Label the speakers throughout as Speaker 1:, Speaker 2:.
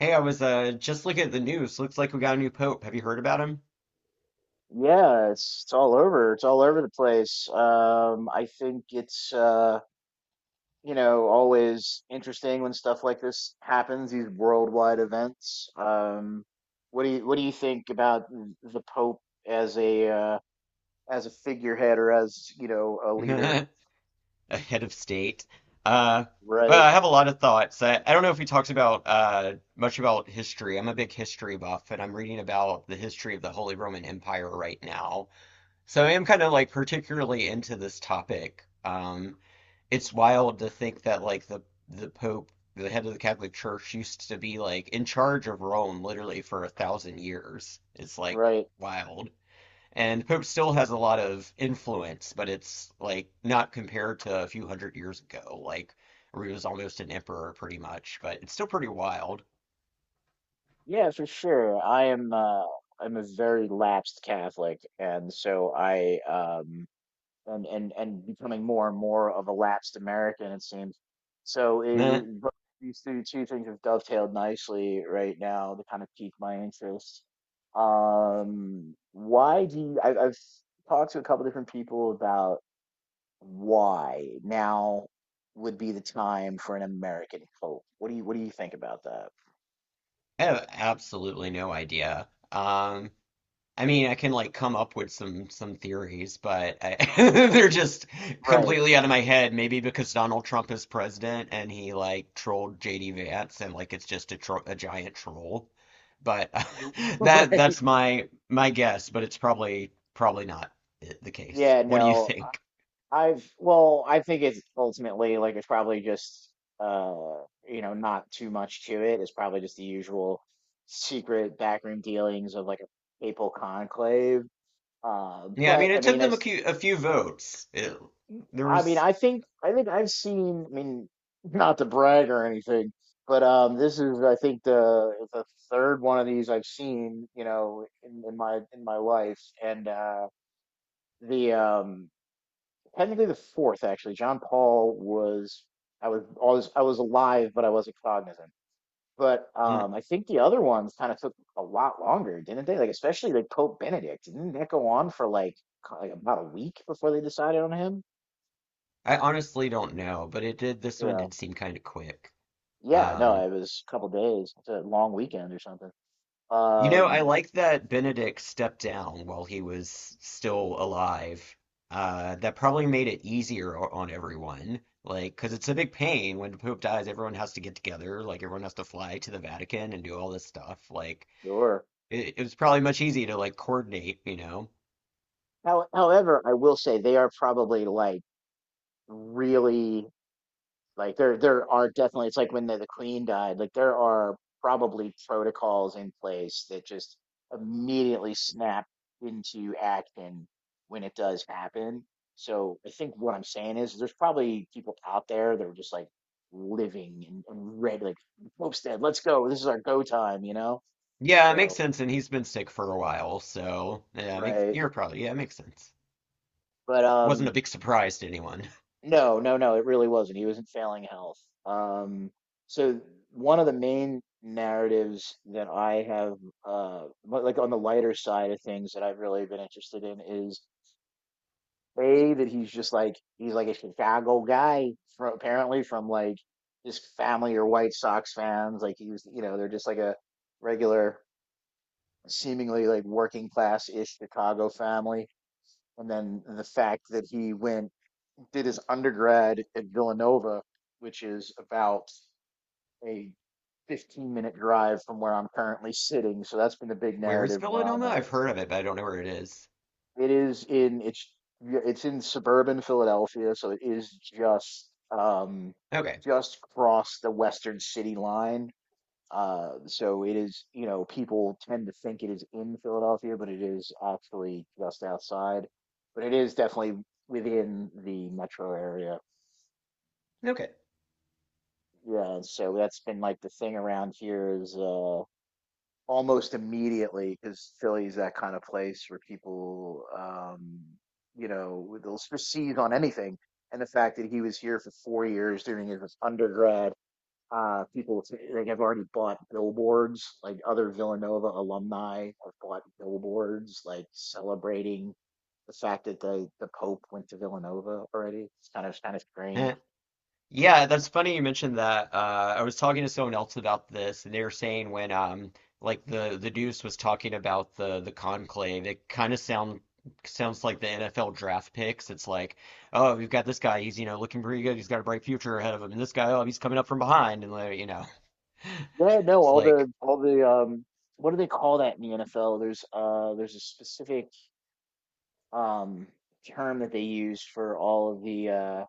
Speaker 1: Hey, I was just looking at the news. Looks like we got a new pope. Have you heard about him?
Speaker 2: Yeah, it's all over. It's all over the place. I think it's always interesting when stuff like this happens, these worldwide events. What do you think about the Pope as a uh, as a figurehead or as a leader?
Speaker 1: A head of state. Uh, well,
Speaker 2: Right,
Speaker 1: I have a lot of thoughts. I don't know if he talks about much about history. I'm a big history buff, and I'm reading about the history of the Holy Roman Empire right now. So I am kind of like particularly into this topic. It's wild to think that like the Pope, the head of the Catholic Church, used to be like in charge of Rome literally for a thousand years. It's like
Speaker 2: right.
Speaker 1: wild. And the Pope still has a lot of influence, but it's like not compared to a few hundred years ago, like where he was almost an emperor pretty much, but it's still pretty wild.
Speaker 2: Yeah, for sure. I'm a very lapsed Catholic, and so I and becoming more and more of a lapsed American, it seems. So
Speaker 1: Nah,
Speaker 2: it, but these two things have dovetailed nicely right now to kind of pique my interest. Why do you, I, I've talked to a couple different people about why now would be the time for an American hope. What do you think about that?
Speaker 1: I have absolutely no idea. I mean, I can like come up with some theories, but they're just
Speaker 2: Right.
Speaker 1: completely out of my head. Maybe because Donald Trump is president and he like trolled JD Vance and like it's just a giant troll. But that
Speaker 2: Right.
Speaker 1: that's my guess, but it's probably not the case.
Speaker 2: Yeah,
Speaker 1: What do you
Speaker 2: no.
Speaker 1: think?
Speaker 2: I think it's ultimately like it's probably just uh not too much to it. It's probably just the usual secret backroom dealings of like a papal conclave.
Speaker 1: Yeah, I mean,
Speaker 2: But I
Speaker 1: it took
Speaker 2: mean, I
Speaker 1: them
Speaker 2: s-
Speaker 1: a few votes. There
Speaker 2: I mean,
Speaker 1: was,
Speaker 2: I think I've seen. I mean, not to brag or anything, but this is I think the third one of these I've seen. You know, in my life, and the technically the fourth, actually. John Paul was I was alive, but I wasn't cognizant. But
Speaker 1: mm,
Speaker 2: I think the other ones kind of took a lot longer, didn't they? Like especially like Pope Benedict, didn't that go on for like like about a week before they decided on him?
Speaker 1: I honestly don't know, but it did. This one
Speaker 2: Yeah,
Speaker 1: did seem kind of quick.
Speaker 2: yeah, no,
Speaker 1: Um,
Speaker 2: it was a couple days. It's a long weekend or something.
Speaker 1: You know, I
Speaker 2: Um,
Speaker 1: like that Benedict stepped down while he was still alive. That probably made it easier on everyone. Like, because it's a big pain when the Pope dies, everyone has to get together. Like, everyone has to fly to the Vatican and do all this stuff. Like,
Speaker 2: sure.
Speaker 1: it was probably much easier to like coordinate, you know?
Speaker 2: However, I will say they are probably like really. Like there are definitely it's like when the queen died, like there are probably protocols in place that just immediately snap into action when it does happen. So I think what I'm saying is there's probably people out there that are just like living and ready, like Homestead, let's go. This is our go time, you know?
Speaker 1: Yeah, it makes
Speaker 2: So
Speaker 1: sense. And he's been sick for a while, so yeah, it makes
Speaker 2: right.
Speaker 1: you're probably yeah, it makes sense.
Speaker 2: But
Speaker 1: Wasn't a big surprise to anyone.
Speaker 2: no, no, no, it really wasn't. He was in failing health. Um, so one of the main narratives that I have, but, like on the lighter side of things that I've really been interested in is A, that he's just like, he's like a Chicago guy from apparently from like his family or White Sox fans. Like he was, you know, they're just like a regular, seemingly like working class-ish Chicago family. And then the fact that he went did his undergrad at Villanova, which is about a 15-minute drive from where I'm currently sitting. So that's been the big
Speaker 1: Where is
Speaker 2: narrative where I'm
Speaker 1: Villanoma?
Speaker 2: at.
Speaker 1: I've heard of it, but I don't know where it is.
Speaker 2: It is in it's yeah, it's in suburban Philadelphia, so it is um
Speaker 1: Okay,
Speaker 2: just across the western city line. So it is, you know, people tend to think it is in Philadelphia, but it is actually just outside. But it is definitely within the metro area.
Speaker 1: okay.
Speaker 2: Yeah, so that's been like the thing around here is almost immediately because Philly's that kind of place where people you know seize on anything. And the fact that he was here for 4 years during his undergrad, like have already bought billboards, like other Villanova alumni have bought billboards like celebrating the fact that the Pope went to Villanova already. It's kind of strange.
Speaker 1: Eh. Yeah, that's funny you mentioned that. I was talking to someone else about this, and they were saying when like the Deuce was talking about the conclave, it kind of sounds like the NFL draft picks. It's like, oh, we've got this guy, he's looking pretty good, he's got a bright future ahead of him, and this guy, oh, he's coming up from behind, and like, you know,
Speaker 2: Yeah, no,
Speaker 1: it's
Speaker 2: all
Speaker 1: like
Speaker 2: the all the um what do they call that in the NFL? There's a specific um term that they use for all of the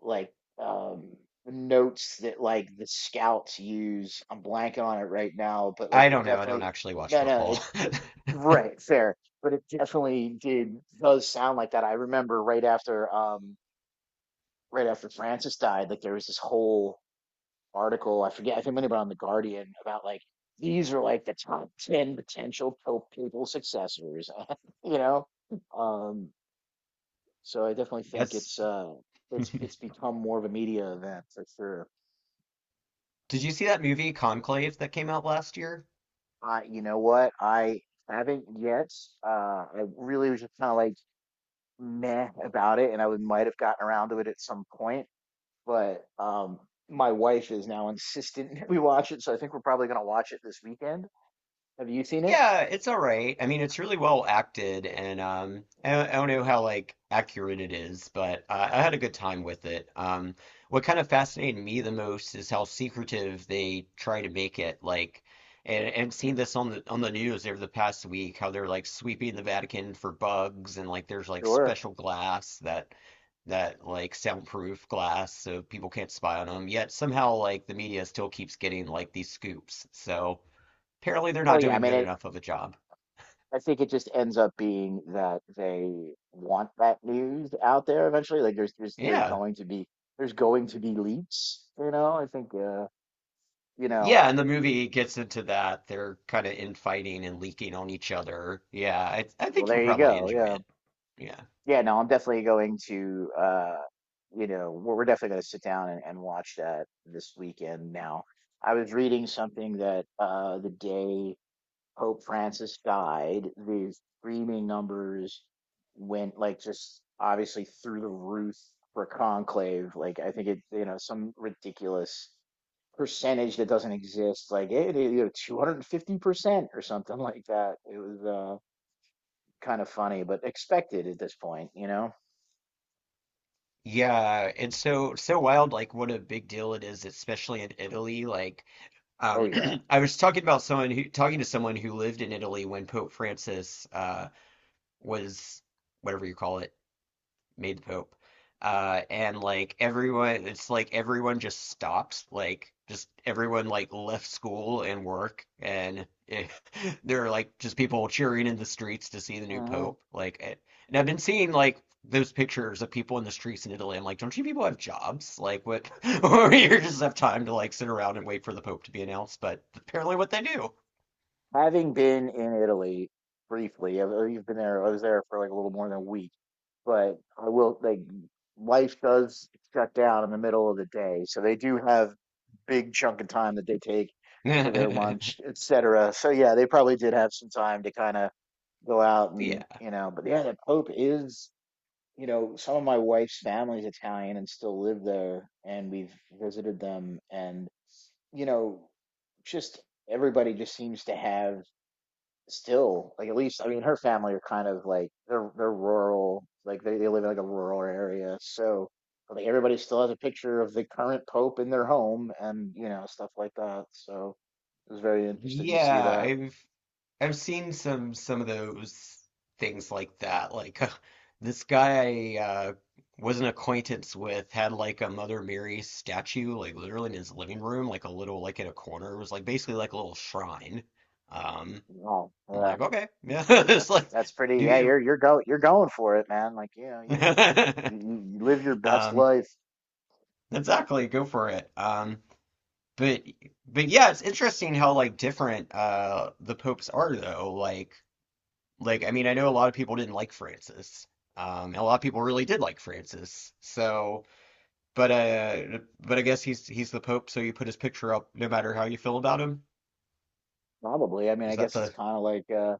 Speaker 2: like um notes that like the scouts use. I'm blanking on it right now, but like
Speaker 1: I
Speaker 2: it
Speaker 1: don't know, I don't
Speaker 2: definitely.
Speaker 1: actually watch
Speaker 2: No no
Speaker 1: football.
Speaker 2: it Right, fair, but it definitely did does sound like that. I remember right after right after Francis died, like there was this whole article. I forget. I think maybe on the Guardian about like these are like the top ten potential Pope papal successors. you know, um, so I definitely think
Speaker 1: That's
Speaker 2: it's become more of a media event for sure.
Speaker 1: did you see that movie Conclave that came out last year?
Speaker 2: I, you know what, I haven't yet. I really was just kind of like meh about it, and I would might have gotten around to it at some point, but. My wife is now insistent we watch it, so I think we're probably going to watch it this weekend. Have you seen it?
Speaker 1: Yeah, it's all right. I mean, it's really well acted, and I don't know how like accurate it is, but I had a good time with it. What kind of fascinated me the most is how secretive they try to make it. Like, and seeing this on the news over the past week, how they're like sweeping the Vatican for bugs, and like there's like
Speaker 2: Sure.
Speaker 1: special glass that like soundproof glass so people can't spy on them. Yet somehow like the media still keeps getting like these scoops. So. Apparently, they're
Speaker 2: Well,
Speaker 1: not
Speaker 2: yeah, I
Speaker 1: doing
Speaker 2: mean,
Speaker 1: good
Speaker 2: it,
Speaker 1: enough of a job.
Speaker 2: I think it just ends up being that they want that news out there eventually. Like there's
Speaker 1: Yeah.
Speaker 2: going to be there's going to be leaks, you know. I think you know.
Speaker 1: Yeah, and the movie gets into that. They're kind of infighting and leaking on each other. Yeah, I
Speaker 2: Well,
Speaker 1: think you'll
Speaker 2: there you
Speaker 1: probably
Speaker 2: go.
Speaker 1: enjoy
Speaker 2: Yeah,
Speaker 1: it. Yeah.
Speaker 2: yeah. No, I'm definitely going to you know, we're definitely going to sit down and watch that this weekend. Now, I was reading something that the day Pope Francis died, the streaming numbers went like just obviously through the roof for Conclave. Like I think it, you know, some ridiculous percentage that doesn't exist. Like you know, 250% or something like that. It was kind of funny, but expected at this point, you know.
Speaker 1: Yeah, and so wild like what a big deal it is, especially in Italy. Like
Speaker 2: Oh
Speaker 1: um
Speaker 2: yeah.
Speaker 1: I was talking about someone who talking to someone who lived in Italy when Pope Francis was whatever you call it made the Pope. And like everyone, it's like everyone just stops, like just everyone like left school and work, and there are like just people cheering in the streets to see the new
Speaker 2: Hmm.
Speaker 1: Pope. Like, eh, and I've been seeing like those pictures of people in the streets in Italy. I'm like, don't you people have jobs? Like, what? Or you just have time to like sit around and wait for the Pope to be announced? But apparently, what they do.
Speaker 2: Having been in Italy briefly, I've been there. I was there for like a little more than a week, but I will like life does shut down in the middle of the day, so they do have big chunk of time that they take for their lunch, etc. So yeah, they probably did have some time to kind of go out and
Speaker 1: Yeah.
Speaker 2: you know. But yeah, the Pope is you know some of my wife's family's Italian and still live there, and we've visited them, and you know just everybody just seems to have still like at least I mean her family are kind of like they're rural like they live in like a rural area so like everybody still has a picture of the current pope in their home and you know stuff like that so it was very interesting to see
Speaker 1: Yeah,
Speaker 2: that.
Speaker 1: I've seen some of those things like that. Like this guy I was an acquaintance with had like a Mother Mary statue, like literally in his living room, like a little like in a corner. It was like basically like a little shrine. Um,
Speaker 2: Oh
Speaker 1: I'm
Speaker 2: yeah,
Speaker 1: like, okay, yeah, it's like
Speaker 2: that's pretty,
Speaker 1: do
Speaker 2: yeah,
Speaker 1: you?
Speaker 2: you're going for it, man, like you know you, you live your best
Speaker 1: Um,
Speaker 2: life.
Speaker 1: exactly, go for it. But but yeah, it's interesting how like different the popes are though. Like, I mean, I know a lot of people didn't like Francis. And a lot of people really did like Francis. So, but I guess he's the Pope, so you put his picture up no matter how you feel about him.
Speaker 2: Probably, I mean, I
Speaker 1: Is that
Speaker 2: guess it's
Speaker 1: the?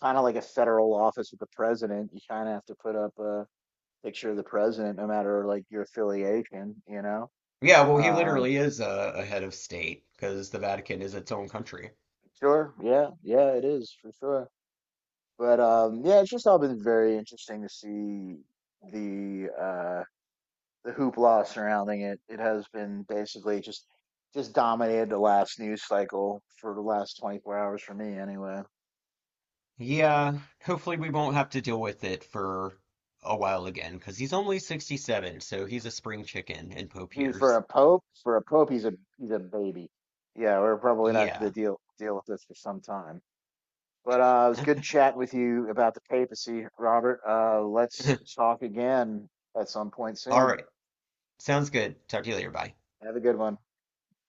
Speaker 2: kind of like a federal office with the president. You kind of have to put up a picture of the president, no matter like your affiliation, you know?
Speaker 1: Yeah, well, he
Speaker 2: Um,
Speaker 1: literally is a head of state because the Vatican is its own country.
Speaker 2: sure, yeah, yeah, it is for sure. But yeah, it's just all been very interesting to see the uh the hoopla surrounding it. It has been basically just dominated the last news cycle for the last 24 hours for me anyway.
Speaker 1: Yeah, hopefully we won't have to deal with it for a while again because he's only 67, so he's a spring chicken in Pope
Speaker 2: He For
Speaker 1: years.
Speaker 2: a pope, for a pope, he's a baby. Yeah, we're probably not going to
Speaker 1: Yeah.
Speaker 2: deal with this for some time. But it was good chatting with you about the papacy, Robert. Let's talk again at some point
Speaker 1: All
Speaker 2: soon.
Speaker 1: right. Sounds good. Talk to you later. Bye.
Speaker 2: Have a good one.